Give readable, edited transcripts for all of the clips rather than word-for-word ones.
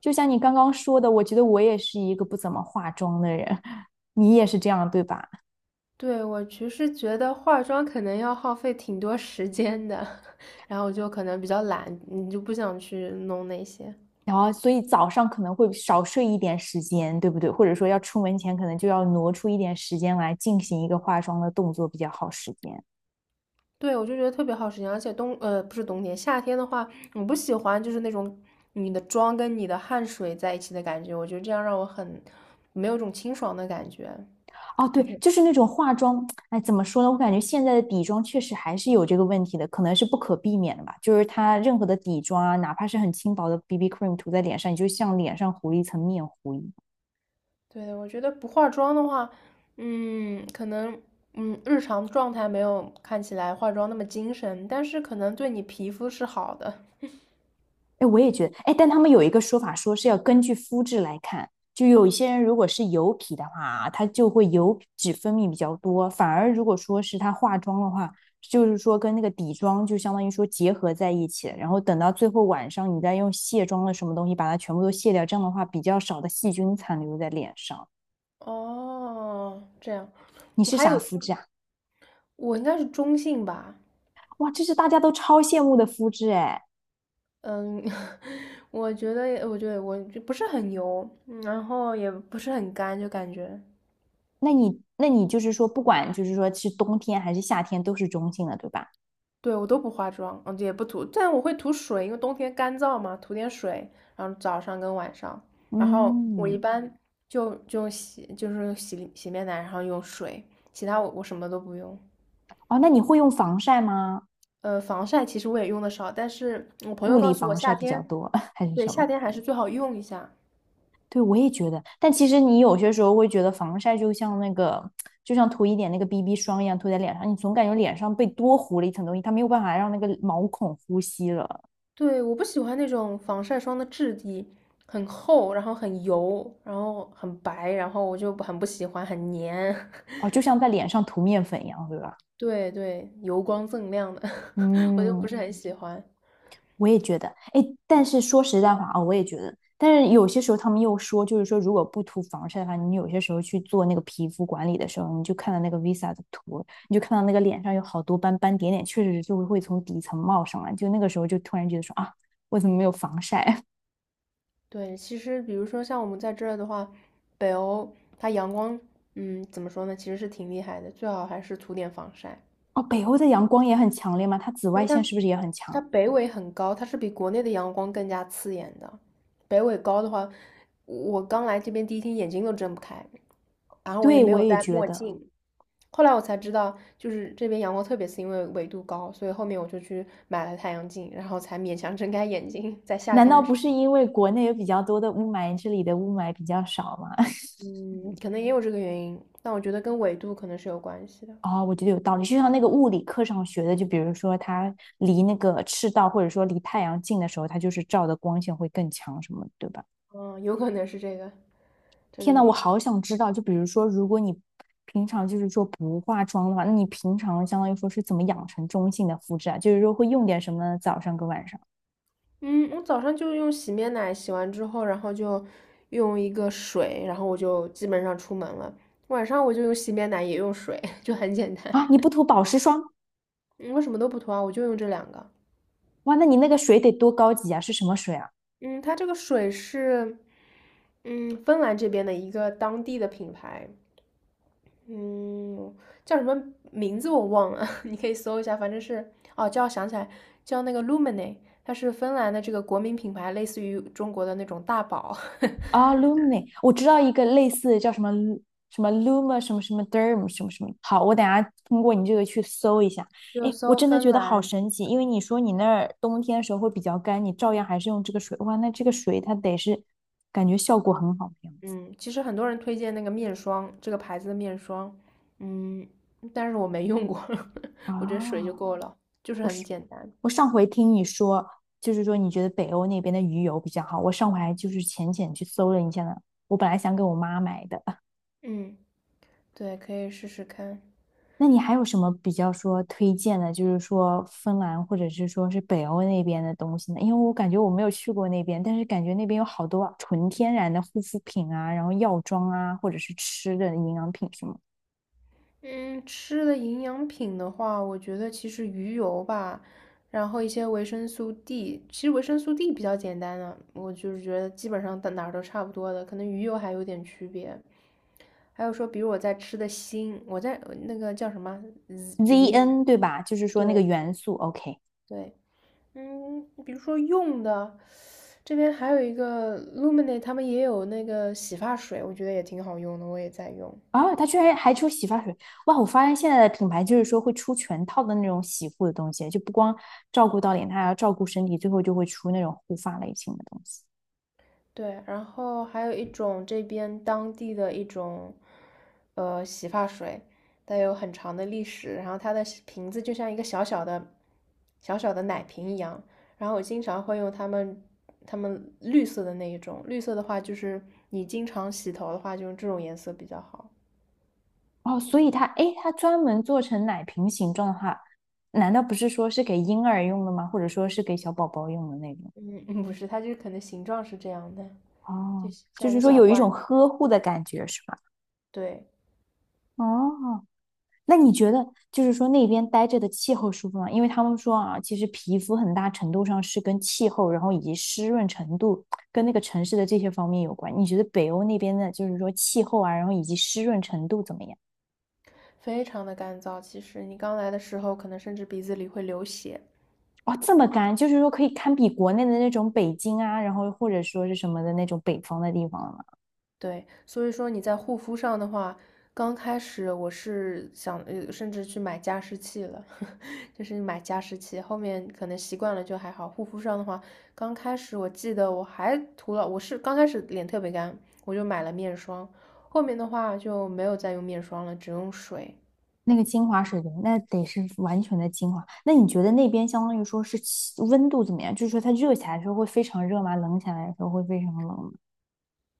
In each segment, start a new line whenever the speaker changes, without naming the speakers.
就像你刚刚说的，我觉得我也是一个不怎么化妆的人，你也是这样，对吧？
对，我其实觉得化妆可能要耗费挺多时间的，然后我就可能比较懒，你就不想去弄那些。
然后，所以早上可能会少睡一点时间，对不对？或者说要出门前，可能就要挪出一点时间来进行一个化妆的动作比较耗时间。
对，我就觉得特别耗时间，而且不是冬天夏天的话，我不喜欢就是那种你的妆跟你的汗水在一起的感觉，我觉得这样让我很没有一种清爽的感觉。
哦，对，就是那种化妆，哎，怎么说呢？我感觉现在的底妆确实还是有这个问题的，可能是不可避免的吧。就是它任何的底妆啊，哪怕是很轻薄的 BB cream 涂在脸上，你就像脸上糊了一层面糊一
对，我觉得不化妆的话，可能日常状态没有看起来化妆那么精神，但是可能对你皮肤是好的。
哎，我也觉得，哎，但他们有一个说法，说是要根据肤质来看，就有一些人如果是油皮的话啊，他就会油脂分泌比较多，反而如果说是他化妆的话，就是说跟那个底妆就相当于说结合在一起，然后等到最后晚上你再用卸妆的什么东西把它全部都卸掉，这样的话比较少的细菌残留在脸上。
哦，这样，
你
我
是
还
啥
有，
肤质啊？
我应该是中性吧。
哇，这是大家都超羡慕的肤质哎。
嗯，我觉得我就不是很油，然后也不是很干，就感觉，
那你就是说，不管就是说是冬天还是夏天，都是中性的，对吧？
对，我都不化妆，嗯，也不涂，但我会涂水，因为冬天干燥嘛，涂点水，然后早上跟晚上，然后我
嗯，
一般就是用洗面奶然后用水，其他我什么都不用。
哦，那你会用防晒吗？
防晒其实我也用的少，但是我朋
物
友告
理
诉我
防晒
夏
比较
天，
多，还是
对，
什
夏
么？
天还是最好用一下。
对，我也觉得。但其实你有些时候会觉得防晒就像那个，就像涂一点那个 BB 霜一样涂在脸上，你总感觉脸上被多糊了一层东西，它没有办法让那个毛孔呼吸了。
对，我不喜欢那种防晒霜的质地很厚，然后很油，然后很白，然后我就很不喜欢，很黏。
哦，就像在脸上涂面粉一样，对吧？
对对，油光锃亮的。我就不
嗯，
是很喜欢。
我也觉得，哎，但是说实在话啊、我也觉得，但是有些时候他们又说，就是说如果不涂防晒的话，你有些时候去做那个皮肤管理的时候，你就看到那个 Visa 的图，你就看到那个脸上有好多斑斑点点，确实就会从底层冒上来，就那个时候就突然觉得说啊，为什么没有防晒？
对，其实比如说像我们在这儿的话，北欧它阳光，嗯，怎么说呢，其实是挺厉害的，最好还是涂点防晒。
哦，北欧的阳光也很强烈吗？它紫
因
外
为
线
它
是不是也很
它
强？
北纬很高，它是比国内的阳光更加刺眼的。北纬高的话，我刚来这边第一天眼睛都睁不开，然后我也
对，
没
我
有
也
戴
觉
墨
得，
镜。后来我才知道，就是这边阳光特别刺，因为纬度高，所以后面我就去买了太阳镜，然后才勉强睁开眼睛。在夏
难
天
道
的时
不是
候，
因为国内有比较多的雾霾，这里的雾霾比较少吗？
嗯，可能也有这个原因，但我觉得跟纬度可能是有关系的，
哦，我觉得有道理。就像那个物理课上学的，就比如说它离那个赤道或者说离太阳近的时候，它就是照的光线会更强什么的对吧？
嗯，有可能是这个这
天
个
呐，我
原因。
好想知道，就比如说，如果你平常就是说不化妆的话，那你平常相当于说是怎么养成中性的肤质啊？就是说会用点什么呢？早上跟晚上
嗯，我早上就用洗面奶洗完之后，然后就用一个水，然后我就基本上出门了。晚上我就用洗面奶，也用水。就很简单。
啊？你不涂保湿霜？
嗯，我什么都不涂啊，我就用这两个。
哇，那你那个水得多高级啊？是什么水啊？
嗯，它这个水是，嗯，芬兰这边的一个当地的品牌，嗯，叫什么名字我忘了，你可以搜一下，反正是，哦，叫想起来，叫那个 Lumene,它是芬兰的这个国民品牌，类似于中国的那种大宝。
啊，Lumni，i 我知道一个类似的叫什么 Lu- 什么 Luma 什么什么 Derm 什么什么。好，我等下通过你这个去搜一下。
就
哎，我
搜
真的
芬
觉得好
兰。
神奇，因为你说你那儿冬天的时候会比较干，你照样还是用这个水。哇，那这个水它得是感觉效果很好的样子
嗯，其实很多人推荐那个面霜，这个牌子的面霜，嗯，但是我没用过。我觉得水就
啊。
够了，就是
我
很
是
简单。
我上回听你说，就是说你觉得北欧那边的鱼油比较好，我上回还就是浅浅去搜了一下呢。我本来想给我妈买的。
嗯，对，可以试试看。
那你还有什么比较说推荐的，就是说芬兰或者是说是北欧那边的东西呢？因为我感觉我没有去过那边，但是感觉那边有好多啊纯天然的护肤品啊，然后药妆啊，或者是吃的营养品什么
嗯，吃的营养品的话，我觉得其实鱼油吧，然后一些维生素 D,其实维生素 D 比较简单的，我就是觉得基本上到哪儿都差不多的，可能鱼油还有点区别。还有说，比如我在吃的锌，我在那个叫什么 z i n。
ZN 对吧？就是说那个
对
元素 OK
对，嗯，比如说用的，这边还有一个 Luminate,他们也有那个洗发水，我觉得也挺好用的，我也在用。
啊，它居然还出洗发水哇！我发现现在的品牌就是说会出全套的那种洗护的东西，就不光照顾到脸，它还要照顾身体，最后就会出那种护发类型的东西。
对，然后还有一种这边当地的一种，洗发水，它有很长的历史，然后它的瓶子就像一个小小的奶瓶一样，然后我经常会用它们。它们绿色的那一种，绿色的话就是你经常洗头的话，就用这种颜色比较好。
哦，所以它，诶，它专门做成奶瓶形状的话，难道不是说是给婴儿用的吗？或者说是给小宝宝用的那种？
嗯,不是，它就是可能形状是这样的。就
哦，就
像一
是
个
说
小
有一种
怪，
呵护的感觉，是吧？
对，
哦，那你觉得就是说那边待着的气候舒服吗？因为他们说啊，其实皮肤很大程度上是跟气候，然后以及湿润程度跟那个城市的这些方面有关。你觉得北欧那边的，就是说气候啊，然后以及湿润程度怎么样？
非常的干燥。其实你刚来的时候，可能甚至鼻子里会流血，
哦，这么干，就是说可以堪比国内的那种北京啊，然后或者说是什么的那种北方的地方了吗？
对。所以说你在护肤上的话，刚开始我是想，呃，甚至去买加湿器了。就是买加湿器。后面可能习惯了就还好。护肤上的话，刚开始我记得我还涂了，我是刚开始脸特别干，我就买了面霜。后面的话就没有再用面霜了，只用水。
那个精华水源，那得是完全的精华。那你觉得那边相当于说是气温度怎么样？就是说它热起来的时候会非常热吗？冷起来的时候会非常冷吗？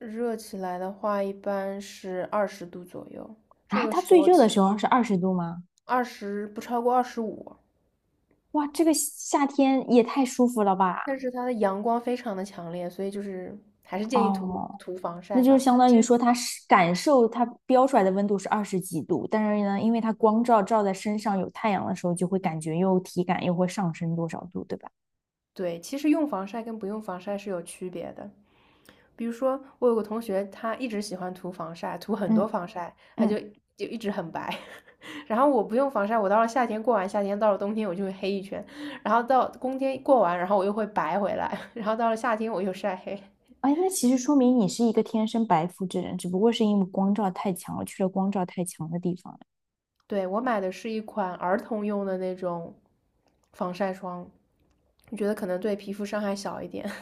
热起来的话，一般是20度左右，这
啊，
个
它
时
最
候
热的
其
时候是二十度吗？
二十不超过25，
哇，这个夏天也太舒服了吧！
但是它的阳光非常的强烈，所以就是还是建议涂
哦，
涂防
那
晒
就是
吧。
相当
其
于
实
说，它是感受它标出来的温度是二十几度，但是呢，因为它光照照在身上有太阳的时候，就会感觉又体感又会上升多少度，对吧？
对，其实用防晒跟不用防晒是有区别的。比如说，我有个同学，他一直喜欢涂防晒，涂很
嗯
多防晒，他
嗯，
就就一直很白。然后我不用防晒，我到了夏天过完夏天，到了冬天我就会黑一圈，然后到冬天过完，然后我又会白回来，然后到了夏天我又晒黑。
哎，那其实说明你是一个天生白肤之人，只不过是因为光照太强了，去了光照太强的地方。
对，我买的是一款儿童用的那种防晒霜，我觉得可能对皮肤伤害小一点。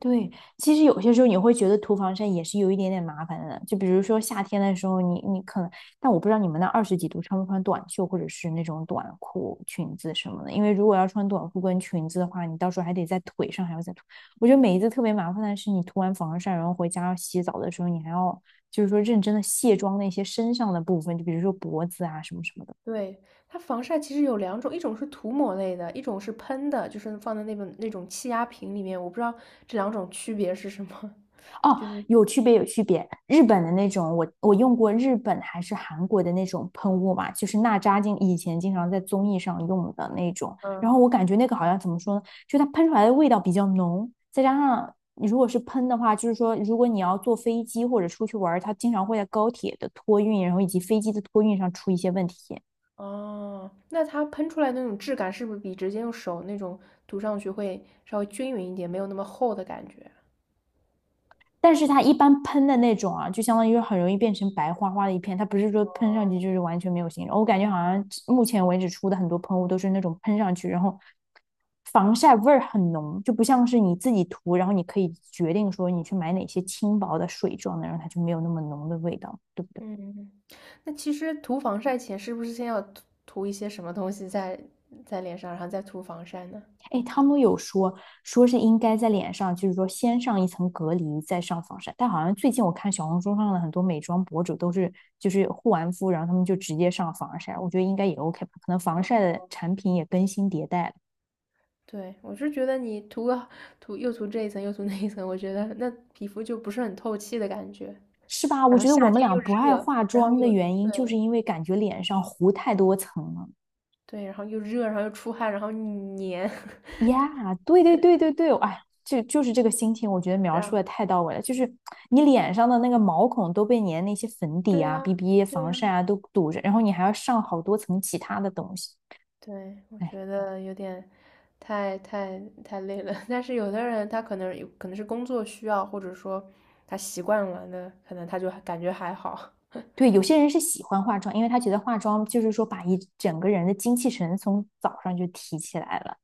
对，其实有些时候你会觉得涂防晒也是有一点点麻烦的，就比如说夏天的时候你，你可能，但我不知道你们那二十几度穿不穿短袖或者是那种短裤、裙子什么的，因为如果要穿短裤跟裙子的话，你到时候还得在腿上还要再涂。我觉得每一次特别麻烦的是，你涂完防晒，然后回家要洗澡的时候，你还要就是说认真的卸妆那些身上的部分，就比如说脖子啊什么什么的。
对，它防晒其实有两种，一种是涂抹类的，一种是喷的，就是放在那本那种气压瓶里面。我不知道这两种区别是什么。
哦，
就是
有区别，有区别。日本的那种，我用过日本还是韩国的那种喷雾嘛，就是娜扎经以前经常在综艺上用的那种。
嗯。
然后我感觉那个好像怎么说呢，就它喷出来的味道比较浓，再加上你如果是喷的话，就是说如果你要坐飞机或者出去玩它经常会在高铁的托运，然后以及飞机的托运上出一些问题。
哦，那它喷出来那种质感是不是比直接用手那种涂上去会稍微均匀一点，没有那么厚的感觉？
但是它一般喷的那种啊，就相当于很容易变成白花花的一片，它不是说喷上去
哦。
就是完全没有形状。我感觉好像目前为止出的很多喷雾都是那种喷上去，然后防晒味儿很浓，就不像是你自己涂，然后你可以决定说你去买哪些轻薄的水状的，然后它就没有那么浓的味道，对不对？
嗯，那其实涂防晒前是不是先要涂一些什么东西在在脸上，然后再涂防晒呢？
哎，他们有说说是应该在脸上，就是说先上一层隔离，再上防晒。但好像最近我看小红书上的很多美妆博主都是，就是护完肤，然后他们就直接上防晒。我觉得应该也 OK 吧，可能防
啊，
晒的产品也更新迭代了，
对，我是觉得你涂这一层又涂那一层，我觉得那皮肤就不是很透气的感觉。
是吧？我
然后
觉得我
夏
们
天
俩
又
不爱
热，
化
然后
妆的
又
原因，
对
就是因为感觉脸上糊太多层了。
对，然后又热，然后又出汗，然后你黏。
呀，对对对对对，哎，就是这个心情，我觉得描
然
述
后
的太到位了。就是你脸上的那个毛孔都被你的那些粉底
对
啊、
呀，
BB
对
防晒
呀。
啊都堵着，然后你还要上好多层其他的东西。
对，我
哎，
觉得有点太太太累了。但是有的人他可能有可能是工作需要，或者说他习惯了那可能他就感觉还好。
对，有些人是喜欢化妆，因为他觉得化妆就是说把一整个人的精气神从早上就提起来了。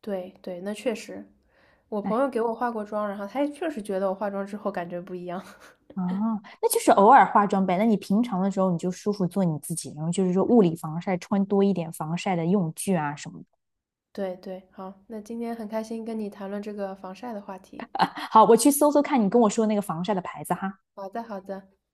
对对，那确实，我朋
哎，
友给我化过妆，然后他也确实觉得我化妆之后感觉不一样。
啊，那就是偶尔化妆呗。那你平常的时候你就舒服做你自己，然后就是说物理防晒，穿多一点防晒的用具啊什么的。
对对，好，那今天很开心跟你谈论这个防晒的话题。
好，我去搜搜看你跟我说的那个防晒的牌子哈。
好的好的。